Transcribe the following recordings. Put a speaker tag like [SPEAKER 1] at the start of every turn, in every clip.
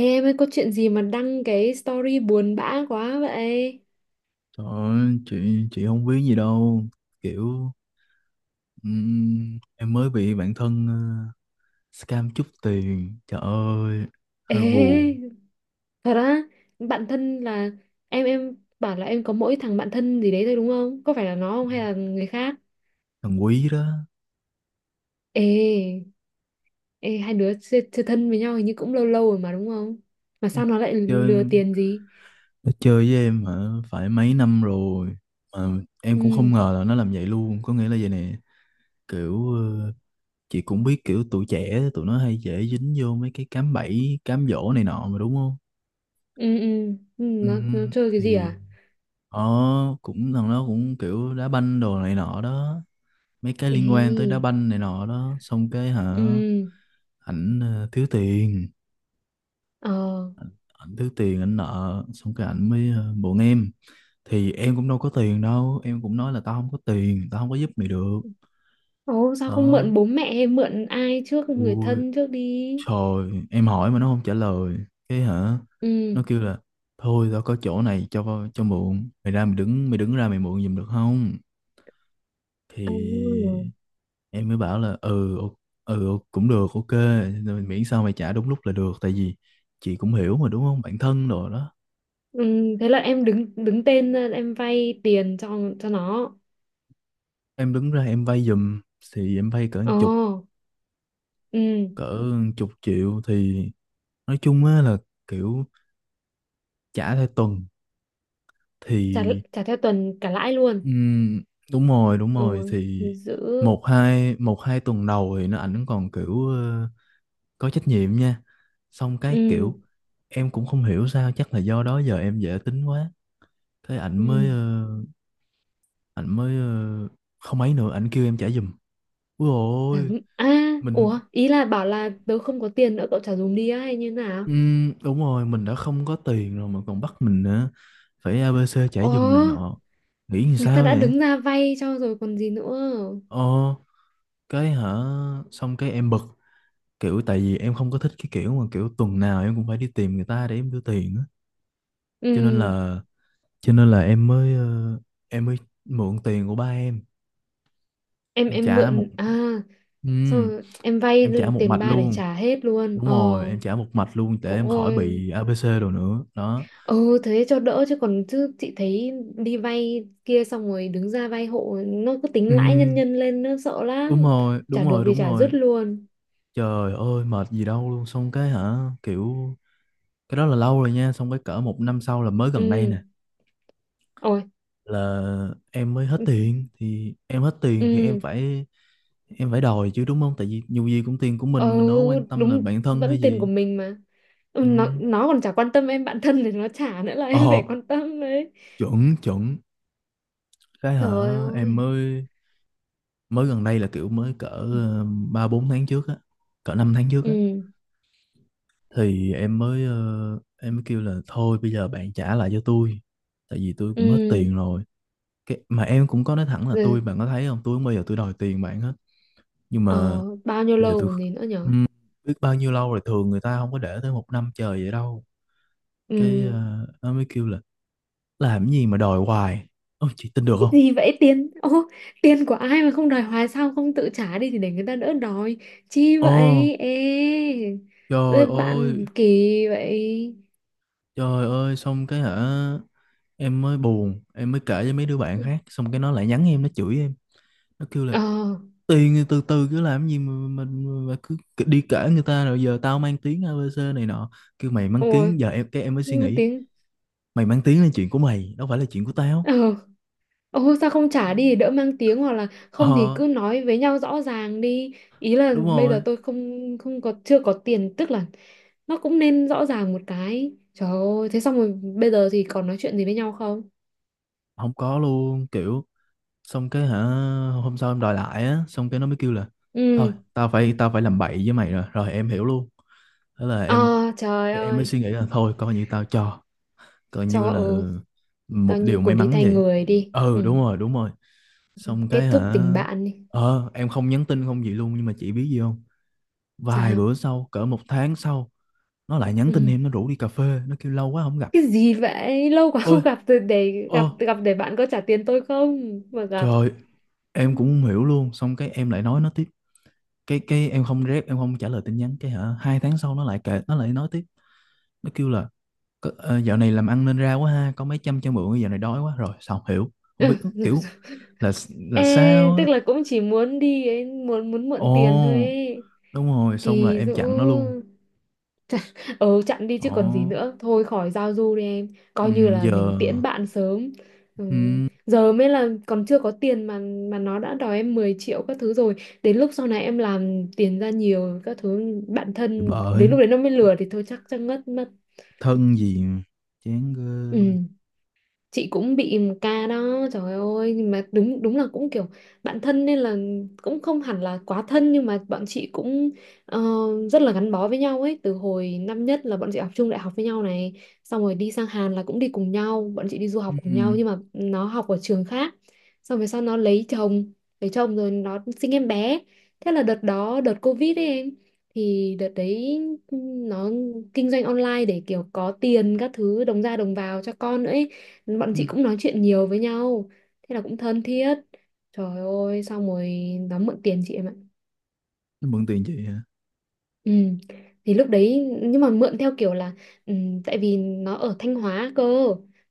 [SPEAKER 1] Ê em ơi có chuyện gì mà đăng cái story buồn bã quá vậy?
[SPEAKER 2] Trời ơi, chị không biết gì đâu, kiểu em mới bị bạn thân scam chút tiền. Trời ơi, hơi buồn.
[SPEAKER 1] Ê, thật á? Bạn thân là em bảo là em có mỗi thằng bạn thân gì đấy thôi đúng không? Có phải là nó không hay là người khác?
[SPEAKER 2] Thằng Quý đó.
[SPEAKER 1] Ê, ê, hai đứa chơi thân với nhau hình như cũng lâu lâu rồi mà đúng không? Mà sao nó lại lừa
[SPEAKER 2] Chơi,
[SPEAKER 1] tiền gì?
[SPEAKER 2] nó chơi với em hả? Phải mấy năm rồi mà em cũng
[SPEAKER 1] Ừ,
[SPEAKER 2] không ngờ là nó làm vậy luôn. Có nghĩa là vậy nè, kiểu chị cũng biết kiểu tụi trẻ tụi nó hay dễ dính vô mấy cái cám bẫy cám dỗ này nọ mà đúng không.
[SPEAKER 1] ừ. Nó chơi cái gì
[SPEAKER 2] Thì
[SPEAKER 1] à?
[SPEAKER 2] nó cũng thằng nó cũng kiểu đá banh đồ này nọ đó, mấy cái liên quan tới đá
[SPEAKER 1] Ê,
[SPEAKER 2] banh này nọ đó. Xong cái hả,
[SPEAKER 1] ừ,
[SPEAKER 2] ảnh thiếu tiền,
[SPEAKER 1] ờ.
[SPEAKER 2] ảnh thiếu tiền, ảnh nợ. Xong cái ảnh mới buồn em. Thì em cũng đâu có tiền đâu, em cũng nói là tao không có tiền, tao không có giúp mày được.
[SPEAKER 1] Ồ, sao không
[SPEAKER 2] Đó,
[SPEAKER 1] mượn bố mẹ hay mượn ai trước, người
[SPEAKER 2] ui
[SPEAKER 1] thân trước đi?
[SPEAKER 2] trời, em hỏi mà nó không trả lời. Cái hả,
[SPEAKER 1] Ừ.
[SPEAKER 2] nó kêu là thôi tao có chỗ này cho mượn, mày ra mày đứng, mày đứng ra mày mượn giùm được không.
[SPEAKER 1] Ừ.
[SPEAKER 2] Thì em mới bảo là cũng được, ok, rồi miễn sao mày trả đúng lúc là được. Tại vì chị cũng hiểu mà đúng không, bạn thân rồi đó.
[SPEAKER 1] Ừ, thế là em đứng đứng tên lên, em vay tiền cho nó.
[SPEAKER 2] Em đứng ra em vay giùm, thì em vay cỡ một
[SPEAKER 1] Ồ,
[SPEAKER 2] chục,
[SPEAKER 1] ừ,
[SPEAKER 2] cỡ một chục triệu. Thì nói chung á là, kiểu trả theo tuần.
[SPEAKER 1] trả
[SPEAKER 2] Thì
[SPEAKER 1] trả theo tuần cả lãi luôn.
[SPEAKER 2] ừm, đúng rồi, đúng rồi.
[SPEAKER 1] Rồi,
[SPEAKER 2] Thì
[SPEAKER 1] giữ.
[SPEAKER 2] một hai, một hai tuần đầu thì ảnh còn kiểu có trách nhiệm nha. Xong cái
[SPEAKER 1] Ừ,
[SPEAKER 2] kiểu em cũng không hiểu sao, chắc là do đó giờ em dễ tính quá, thế ảnh mới
[SPEAKER 1] ừ.
[SPEAKER 2] ảnh mới ờ, không ấy nữa, ảnh kêu em trả giùm. Ui
[SPEAKER 1] Trả
[SPEAKER 2] ôi,
[SPEAKER 1] dùm. À,
[SPEAKER 2] mình
[SPEAKER 1] ủa, ý là bảo là tớ không có tiền nữa cậu trả dùm đi á hay như nào?
[SPEAKER 2] đúng rồi, mình đã không có tiền rồi mà còn bắt mình nữa, phải ABC trả
[SPEAKER 1] Ồ,
[SPEAKER 2] giùm này nọ, nghĩ làm
[SPEAKER 1] người ta
[SPEAKER 2] sao
[SPEAKER 1] đã
[SPEAKER 2] vậy.
[SPEAKER 1] đứng ra vay cho rồi còn gì nữa.
[SPEAKER 2] Ờ, cái hả, xong cái em bực, kiểu tại vì em không có thích cái kiểu mà kiểu tuần nào em cũng phải đi tìm người ta để em đưa tiền á. Cho nên
[SPEAKER 1] Ừ,
[SPEAKER 2] là, cho nên là em mới em mới mượn tiền của ba em.
[SPEAKER 1] em
[SPEAKER 2] Em
[SPEAKER 1] em
[SPEAKER 2] trả một,
[SPEAKER 1] mượn à, xong
[SPEAKER 2] ừm,
[SPEAKER 1] rồi em vay
[SPEAKER 2] em trả một
[SPEAKER 1] tiền
[SPEAKER 2] mạch
[SPEAKER 1] ba để
[SPEAKER 2] luôn.
[SPEAKER 1] trả hết luôn.
[SPEAKER 2] Đúng
[SPEAKER 1] Ờ,
[SPEAKER 2] rồi, em trả một mạch luôn để em khỏi
[SPEAKER 1] ôi.
[SPEAKER 2] bị ABC đồ nữa đó.
[SPEAKER 1] Ừ, thế cho đỡ, chứ còn chứ chị thấy đi vay kia xong rồi đứng ra vay hộ nó cứ tính
[SPEAKER 2] Ừ,
[SPEAKER 1] lãi nhân nhân lên nó sợ
[SPEAKER 2] đúng
[SPEAKER 1] lắm.
[SPEAKER 2] rồi, đúng
[SPEAKER 1] Trả được
[SPEAKER 2] rồi,
[SPEAKER 1] thì
[SPEAKER 2] đúng
[SPEAKER 1] trả
[SPEAKER 2] rồi.
[SPEAKER 1] dứt luôn.
[SPEAKER 2] Trời ơi mệt gì đâu luôn. Xong cái hả, kiểu cái đó là lâu rồi nha. Xong cái cỡ một năm sau là mới gần đây
[SPEAKER 1] Ừ,
[SPEAKER 2] nè,
[SPEAKER 1] ôi.
[SPEAKER 2] là em mới hết tiền. Thì em hết tiền thì em
[SPEAKER 1] Ừ,
[SPEAKER 2] phải, em phải đòi chứ đúng không, tại vì dù gì cũng tiền của
[SPEAKER 1] ừ,
[SPEAKER 2] mình đâu có quan tâm là
[SPEAKER 1] đúng,
[SPEAKER 2] bản thân
[SPEAKER 1] vẫn
[SPEAKER 2] hay
[SPEAKER 1] tiền của
[SPEAKER 2] gì.
[SPEAKER 1] mình mà. Ừ,
[SPEAKER 2] Ừ.
[SPEAKER 1] nó còn chả quan tâm, em bạn thân thì nó trả nữa là em
[SPEAKER 2] Ờ,
[SPEAKER 1] phải quan tâm đấy.
[SPEAKER 2] chuẩn chuẩn. Cái hả,
[SPEAKER 1] Trời
[SPEAKER 2] em
[SPEAKER 1] ơi,
[SPEAKER 2] mới, mới gần đây là kiểu mới cỡ ba bốn tháng trước á, cỡ năm tháng trước
[SPEAKER 1] ừ.
[SPEAKER 2] á. Thì em mới em mới kêu là thôi bây giờ bạn trả lại cho tôi, tại vì tôi cũng hết
[SPEAKER 1] Ừ,
[SPEAKER 2] tiền rồi. Cái mà em cũng có nói thẳng là
[SPEAKER 1] rồi.
[SPEAKER 2] tôi, bạn có thấy không, tôi không bao giờ tôi đòi tiền bạn hết, nhưng mà
[SPEAKER 1] Ờ, bao nhiêu
[SPEAKER 2] bây giờ
[SPEAKER 1] lâu
[SPEAKER 2] tôi
[SPEAKER 1] còn gì nữa nhở.
[SPEAKER 2] ừm, biết bao nhiêu lâu rồi, thường người ta không có để tới một năm trời vậy đâu. Cái
[SPEAKER 1] Ừ,
[SPEAKER 2] nó mới kêu là làm gì mà đòi hoài. Ôi chị tin được không.
[SPEAKER 1] gì vậy? Tiền ô, tiền của ai mà không đòi hoài? Sao không tự trả đi thì để người ta đỡ đòi chi
[SPEAKER 2] Ồ,
[SPEAKER 1] vậy? Ê.
[SPEAKER 2] trời
[SPEAKER 1] Ê,
[SPEAKER 2] ơi,
[SPEAKER 1] bạn kỳ vậy.
[SPEAKER 2] trời ơi. Xong cái hả, em mới buồn, em mới kể với mấy đứa bạn khác. Xong cái nó lại nhắn em, nó chửi em, nó kêu là
[SPEAKER 1] Ờ,
[SPEAKER 2] tiền từ từ, cứ làm gì mà mình mà cứ đi kể người ta rồi giờ tao mang tiếng ABC này nọ, kêu mày mang
[SPEAKER 1] ôi,
[SPEAKER 2] tiếng. Giờ em, cái em mới suy
[SPEAKER 1] nhưng mà
[SPEAKER 2] nghĩ,
[SPEAKER 1] tiếng.
[SPEAKER 2] mày mang tiếng là chuyện của mày, đâu phải là chuyện của tao.
[SPEAKER 1] Ờ, ô sao không trả đi để đỡ mang tiếng, hoặc là không thì
[SPEAKER 2] Ờ,
[SPEAKER 1] cứ nói với nhau rõ ràng đi. Ý là
[SPEAKER 2] đúng
[SPEAKER 1] bây giờ
[SPEAKER 2] rồi.
[SPEAKER 1] tôi không không có, chưa có tiền, tức là nó cũng nên rõ ràng một cái. Trời ơi, thế xong rồi bây giờ thì còn nói chuyện gì với nhau không?
[SPEAKER 2] Không có luôn, kiểu xong cái hả, hôm sau em đòi lại á, xong cái nó mới kêu là thôi
[SPEAKER 1] Ừ,
[SPEAKER 2] tao phải làm bậy với mày rồi. Rồi em hiểu luôn, thế là
[SPEAKER 1] ờ,
[SPEAKER 2] em
[SPEAKER 1] trời
[SPEAKER 2] em mới suy
[SPEAKER 1] ơi.
[SPEAKER 2] nghĩ là thôi coi như tao cho, coi như
[SPEAKER 1] Cho,
[SPEAKER 2] là
[SPEAKER 1] ừ.
[SPEAKER 2] một
[SPEAKER 1] Coi
[SPEAKER 2] điều
[SPEAKER 1] như
[SPEAKER 2] may
[SPEAKER 1] cô đi
[SPEAKER 2] mắn
[SPEAKER 1] thay
[SPEAKER 2] vậy.
[SPEAKER 1] người đi,
[SPEAKER 2] Ừ
[SPEAKER 1] ừ.
[SPEAKER 2] đúng rồi, đúng rồi. Xong
[SPEAKER 1] Kết
[SPEAKER 2] cái
[SPEAKER 1] thúc
[SPEAKER 2] hả,
[SPEAKER 1] tình bạn đi.
[SPEAKER 2] ờ em không nhắn tin, không gì luôn. Nhưng mà chị biết gì không, vài
[SPEAKER 1] Sao?
[SPEAKER 2] bữa sau, cỡ một tháng sau nó lại nhắn tin
[SPEAKER 1] Ừ.
[SPEAKER 2] em, nó rủ đi cà phê, nó kêu lâu quá không gặp.
[SPEAKER 1] Cái gì vậy, lâu quá
[SPEAKER 2] Ôi,
[SPEAKER 1] không gặp rồi để
[SPEAKER 2] ơ
[SPEAKER 1] gặp, gặp để bạn có trả tiền tôi không mà gặp?
[SPEAKER 2] trời,
[SPEAKER 1] Ừ.
[SPEAKER 2] em cũng không hiểu luôn. Xong cái em lại nói nó tiếp, cái em không rep, em không trả lời tin nhắn. Cái hả, hai tháng sau nó lại kệ, nó lại nói tiếp. Nó kêu là "Có- dạo này làm ăn nên ra quá ha, có mấy trăm cho mượn, dạo này đói quá rồi". Xong hiểu không biết, kiểu là là
[SPEAKER 1] Ê,
[SPEAKER 2] sao.
[SPEAKER 1] tức là cũng chỉ muốn đi ấy, muốn muốn mượn tiền thôi
[SPEAKER 2] Ồ,
[SPEAKER 1] ấy.
[SPEAKER 2] đúng rồi, xong là
[SPEAKER 1] Kỳ
[SPEAKER 2] em
[SPEAKER 1] dữ.
[SPEAKER 2] chặn nó luôn.
[SPEAKER 1] Ừ, chặn đi chứ còn gì
[SPEAKER 2] Đó.
[SPEAKER 1] nữa, thôi khỏi giao du đi em.
[SPEAKER 2] Ừ,
[SPEAKER 1] Coi như là
[SPEAKER 2] giờ.
[SPEAKER 1] mình tiễn bạn sớm. Ừ.
[SPEAKER 2] Ừ,
[SPEAKER 1] Giờ mới là còn chưa có tiền mà nó đã đòi em 10 triệu các thứ rồi, đến lúc sau này em làm tiền ra nhiều các thứ, bạn
[SPEAKER 2] thì
[SPEAKER 1] thân
[SPEAKER 2] bởi,
[SPEAKER 1] đến lúc đấy nó mới lừa thì thôi chắc chắc ngất mất.
[SPEAKER 2] thân gì mà, chán ghê luôn.
[SPEAKER 1] Ừ, chị cũng bị một ca đó trời ơi, nhưng mà đúng, đúng là cũng kiểu bạn thân nên là cũng không hẳn là quá thân, nhưng mà bọn chị cũng ờ, rất là gắn bó với nhau ấy, từ hồi năm nhất là bọn chị học chung đại học với nhau này, xong rồi đi sang Hàn là cũng đi cùng nhau, bọn chị đi du
[SPEAKER 2] Ừ,
[SPEAKER 1] học cùng nhau
[SPEAKER 2] ừ,
[SPEAKER 1] nhưng mà nó học ở trường khác, xong rồi sau nó lấy chồng, lấy chồng rồi nó sinh em bé. Thế là đợt đó đợt Covid ấy em, thì đợt đấy nó kinh doanh online để kiểu có tiền các thứ đồng ra đồng vào cho con nữa ấy. Bọn
[SPEAKER 2] ừ,
[SPEAKER 1] chị cũng nói chuyện nhiều với nhau, thế là cũng thân thiết. Trời ơi, xong rồi nó mượn tiền chị em ạ.
[SPEAKER 2] nó mượn tiền chị hả?
[SPEAKER 1] Ừ. Thì lúc đấy nhưng mà mượn theo kiểu là ừ, tại vì nó ở Thanh Hóa cơ,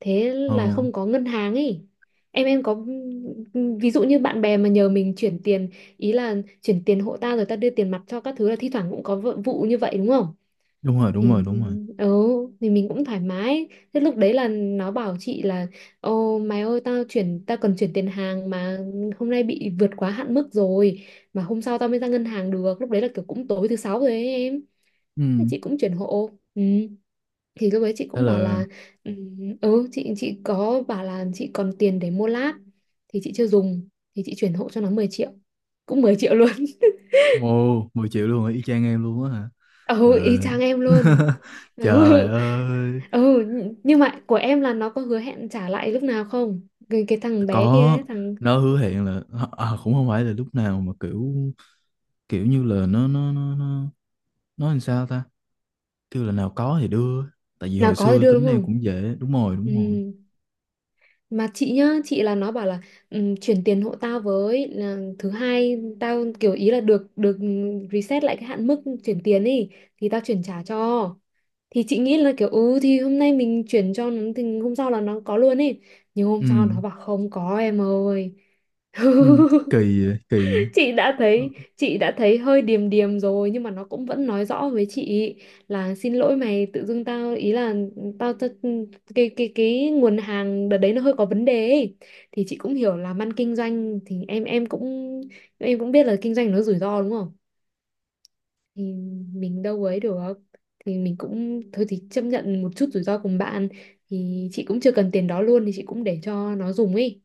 [SPEAKER 1] thế
[SPEAKER 2] Ờ,
[SPEAKER 1] là không có ngân hàng ấy. Em có ví dụ như bạn bè mà nhờ mình chuyển tiền, ý là chuyển tiền hộ ta rồi ta đưa tiền mặt cho các thứ, là thi thoảng cũng có vụ vụ như vậy đúng không?
[SPEAKER 2] đúng rồi, đúng
[SPEAKER 1] Thì
[SPEAKER 2] rồi, đúng rồi.
[SPEAKER 1] ừ, thì mình cũng thoải mái. Thế lúc đấy là nó bảo chị là ô mày ơi, tao chuyển, tao cần chuyển tiền hàng mà hôm nay bị vượt quá hạn mức rồi, mà hôm sau tao mới ra ngân hàng được, lúc đấy là kiểu cũng tối thứ sáu rồi ấy em.
[SPEAKER 2] Ừ,
[SPEAKER 1] Thế chị cũng chuyển hộ, ừ. Thì lúc đấy chị
[SPEAKER 2] thế
[SPEAKER 1] cũng bảo
[SPEAKER 2] là.
[SPEAKER 1] là ừ, ừ, chị có bảo là chị còn tiền để mua lát thì chị chưa dùng, thì chị chuyển hộ cho nó 10 triệu, cũng 10 triệu luôn.
[SPEAKER 2] Ồ, mười triệu luôn hả? Y chang em luôn á hả?
[SPEAKER 1] Ừ, y
[SPEAKER 2] Là
[SPEAKER 1] chang em luôn.
[SPEAKER 2] trời
[SPEAKER 1] Ừ
[SPEAKER 2] ơi,
[SPEAKER 1] ừ. Nhưng mà của em là nó có hứa hẹn trả lại lúc nào không, cái, cái thằng bé kia
[SPEAKER 2] có.
[SPEAKER 1] ấy, thằng
[SPEAKER 2] Nó hứa hẹn là à, à, cũng không phải là lúc nào mà kiểu, kiểu như là nó nó làm sao ta? Kêu là nào có thì đưa, tại vì
[SPEAKER 1] nào
[SPEAKER 2] hồi
[SPEAKER 1] có thì
[SPEAKER 2] xưa
[SPEAKER 1] đưa đúng
[SPEAKER 2] tính em
[SPEAKER 1] không?
[SPEAKER 2] cũng dễ. Đúng rồi, đúng
[SPEAKER 1] Ừ.
[SPEAKER 2] rồi.
[SPEAKER 1] Mà chị nhá, chị là nó bảo là ừ, chuyển tiền hộ tao với, là thứ hai tao kiểu ý là được, được reset lại cái hạn mức chuyển tiền đi thì tao chuyển trả cho. Thì chị nghĩ là kiểu ừ thì hôm nay mình chuyển cho nó thì hôm sau là nó có luôn ấy, nhưng hôm
[SPEAKER 2] Ừ.
[SPEAKER 1] sau nó bảo không có em ơi.
[SPEAKER 2] Ừ, kỳ vậy, kỳ vậy.
[SPEAKER 1] Chị đã
[SPEAKER 2] Ờ,
[SPEAKER 1] thấy, chị đã thấy hơi điềm điềm rồi, nhưng mà nó cũng vẫn nói rõ với chị là xin lỗi mày, tự dưng tao ý là tao cái nguồn hàng đợt đấy nó hơi có vấn đề ấy. Thì chị cũng hiểu là ăn kinh doanh thì em cũng em cũng biết là kinh doanh nó rủi ro đúng không, thì mình đâu ấy được, thì mình cũng thôi thì chấp nhận một chút rủi ro cùng bạn, thì chị cũng chưa cần tiền đó luôn thì chị cũng để cho nó dùng ấy,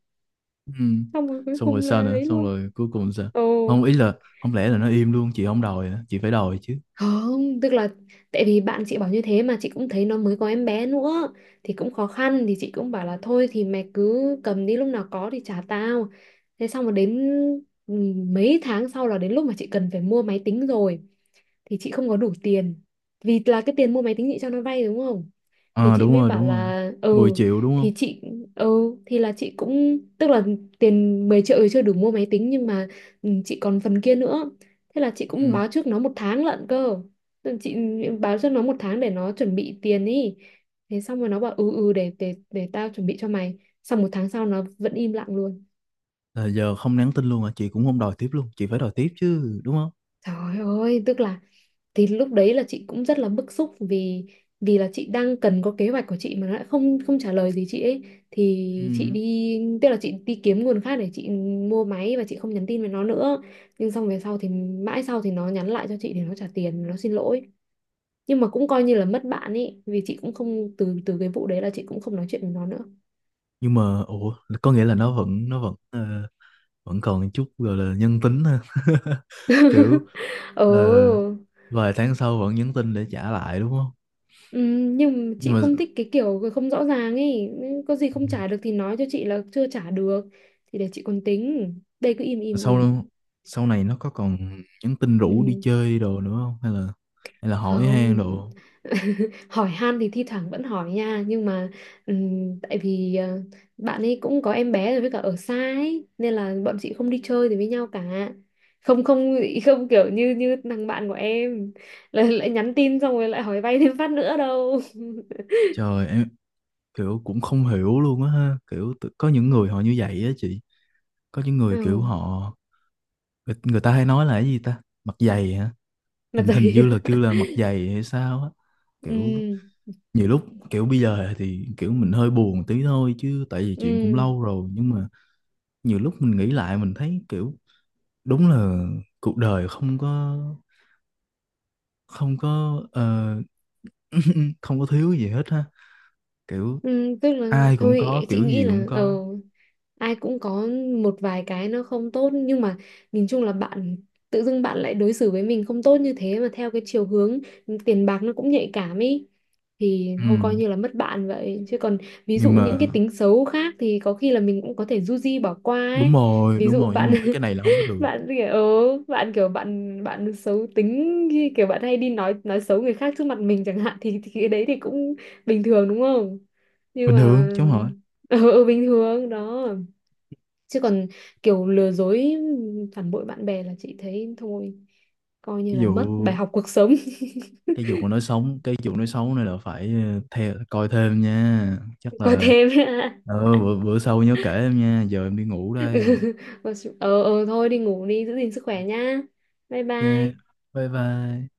[SPEAKER 2] ừ,
[SPEAKER 1] xong rồi cuối
[SPEAKER 2] xong rồi
[SPEAKER 1] cùng là
[SPEAKER 2] sao nữa,
[SPEAKER 1] ấy
[SPEAKER 2] xong
[SPEAKER 1] luôn.
[SPEAKER 2] rồi cuối cùng sao?
[SPEAKER 1] Ồ.
[SPEAKER 2] Không, ý là không lẽ là nó im luôn chị không đòi hả? Chị phải đòi chứ.
[SPEAKER 1] Không, tức là tại vì bạn chị bảo như thế mà chị cũng thấy nó mới có em bé nữa thì cũng khó khăn, thì chị cũng bảo là thôi thì mày cứ cầm đi, lúc nào có thì trả tao. Thế xong rồi đến ừ, mấy tháng sau là đến lúc mà chị cần phải mua máy tính rồi thì chị không có đủ tiền. Vì là cái tiền mua máy tính chị cho nó vay đúng không? Thì
[SPEAKER 2] Ờ,
[SPEAKER 1] chị
[SPEAKER 2] đúng
[SPEAKER 1] mới
[SPEAKER 2] rồi,
[SPEAKER 1] bảo
[SPEAKER 2] đúng rồi,
[SPEAKER 1] là
[SPEAKER 2] 10
[SPEAKER 1] ừ,
[SPEAKER 2] triệu đúng không.
[SPEAKER 1] thì chị ừ thì là chị cũng tức là tiền 10 triệu thì chưa đủ mua máy tính nhưng mà ừ, chị còn phần kia nữa, thế là chị cũng
[SPEAKER 2] Ừ,
[SPEAKER 1] báo trước nó một tháng lận cơ. Tức là chị báo trước nó một tháng để nó chuẩn bị tiền ý, thế xong rồi nó bảo ừ ừ để tao chuẩn bị cho mày, xong một tháng sau nó vẫn im lặng luôn.
[SPEAKER 2] là giờ không nhắn tin luôn à, chị cũng không đòi tiếp luôn, chị phải đòi tiếp chứ đúng không.
[SPEAKER 1] Trời ơi, tức là thì lúc đấy là chị cũng rất là bức xúc vì vì là chị đang cần có kế hoạch của chị mà nó lại không không trả lời gì chị ấy, thì chị
[SPEAKER 2] Ừ,
[SPEAKER 1] đi, tức là chị đi kiếm nguồn khác để chị mua máy và chị không nhắn tin với nó nữa. Nhưng xong về sau thì mãi sau thì nó nhắn lại cho chị, thì nó trả tiền, nó xin lỗi, nhưng mà cũng coi như là mất bạn ấy, vì chị cũng không từ từ cái vụ đấy là chị cũng không nói chuyện với nó nữa.
[SPEAKER 2] nhưng mà ủa, có nghĩa là nó vẫn vẫn còn chút gọi là nhân tính ha kiểu
[SPEAKER 1] Ừ.
[SPEAKER 2] ờ, vài tháng sau vẫn nhắn tin để trả lại đúng không.
[SPEAKER 1] Ừ, nhưng mà
[SPEAKER 2] Nhưng
[SPEAKER 1] chị
[SPEAKER 2] mà
[SPEAKER 1] không thích cái kiểu không rõ ràng ấy. Nên có gì không trả được thì nói cho chị là chưa trả được thì để chị còn tính, đây cứ im im im.
[SPEAKER 2] sau, sau này nó có còn nhắn tin rủ đi
[SPEAKER 1] Ừ,
[SPEAKER 2] chơi đồ nữa không, hay là, hay là hỏi han
[SPEAKER 1] không.
[SPEAKER 2] đồ?
[SPEAKER 1] Hỏi han thì thi thoảng vẫn hỏi nha, nhưng mà ừ, tại vì bạn ấy cũng có em bé rồi với cả ở xa ấy nên là bọn chị không đi chơi thì với nhau cả, không không không kiểu như như thằng bạn của em lại nhắn tin xong rồi lại hỏi vay thêm phát nữa đâu.
[SPEAKER 2] Trời em, kiểu cũng không hiểu luôn á ha, kiểu có những người họ như vậy á chị. Có những người
[SPEAKER 1] Ừ,
[SPEAKER 2] kiểu họ, người, người ta hay nói là cái gì ta, mặt dày hả?
[SPEAKER 1] mà
[SPEAKER 2] Hình, hình
[SPEAKER 1] dày.
[SPEAKER 2] như là kêu là mặt dày hay sao á, kiểu
[SPEAKER 1] Ừ.
[SPEAKER 2] nhiều lúc kiểu bây giờ thì kiểu mình hơi buồn tí thôi chứ tại vì chuyện cũng
[SPEAKER 1] Ừ,
[SPEAKER 2] lâu rồi, nhưng mà nhiều lúc mình nghĩ lại mình thấy kiểu đúng là cuộc đời không có, không có không có thiếu gì hết ha, kiểu
[SPEAKER 1] ừ, tức là
[SPEAKER 2] ai cũng
[SPEAKER 1] thôi
[SPEAKER 2] có,
[SPEAKER 1] chị
[SPEAKER 2] kiểu
[SPEAKER 1] nghĩ
[SPEAKER 2] gì cũng
[SPEAKER 1] là
[SPEAKER 2] có.
[SPEAKER 1] ờ, ai cũng có một vài cái nó không tốt nhưng mà nhìn chung là bạn, tự dưng bạn lại đối xử với mình không tốt như thế mà theo cái chiều hướng tiền bạc, nó cũng nhạy cảm ý, thì
[SPEAKER 2] Ừ.
[SPEAKER 1] thôi coi như là mất bạn vậy chứ còn ví dụ
[SPEAKER 2] Nhưng mà
[SPEAKER 1] những cái tính xấu khác thì có khi là mình cũng có thể du di bỏ qua
[SPEAKER 2] đúng
[SPEAKER 1] ấy.
[SPEAKER 2] rồi,
[SPEAKER 1] Ví
[SPEAKER 2] đúng
[SPEAKER 1] dụ
[SPEAKER 2] rồi, nhưng mà
[SPEAKER 1] bạn
[SPEAKER 2] mấy cái này là không có được.
[SPEAKER 1] bạn kiểu ừ, bạn kiểu bạn, bạn xấu tính khi kiểu bạn hay đi nói xấu người khác trước mặt mình chẳng hạn thì cái đấy thì cũng bình thường đúng không, nhưng
[SPEAKER 2] Bình
[SPEAKER 1] mà
[SPEAKER 2] thường chứ không hỏi.
[SPEAKER 1] ừ, ừ, bình thường đó, chứ còn kiểu lừa dối phản bội bạn bè là chị thấy thôi, coi như
[SPEAKER 2] Ví
[SPEAKER 1] là mất bài
[SPEAKER 2] dụ
[SPEAKER 1] học cuộc sống.
[SPEAKER 2] cái vụ nói xấu, cái vụ nói xấu này là phải theo coi thêm nha, chắc
[SPEAKER 1] Coi
[SPEAKER 2] là
[SPEAKER 1] thêm.
[SPEAKER 2] bữa, bữa sau nhớ kể em nha, giờ em đi ngủ đây.
[SPEAKER 1] Ờ, ờ thôi đi ngủ đi, giữ gìn sức khỏe nhá, bye
[SPEAKER 2] Ok,
[SPEAKER 1] bye.
[SPEAKER 2] bye bye.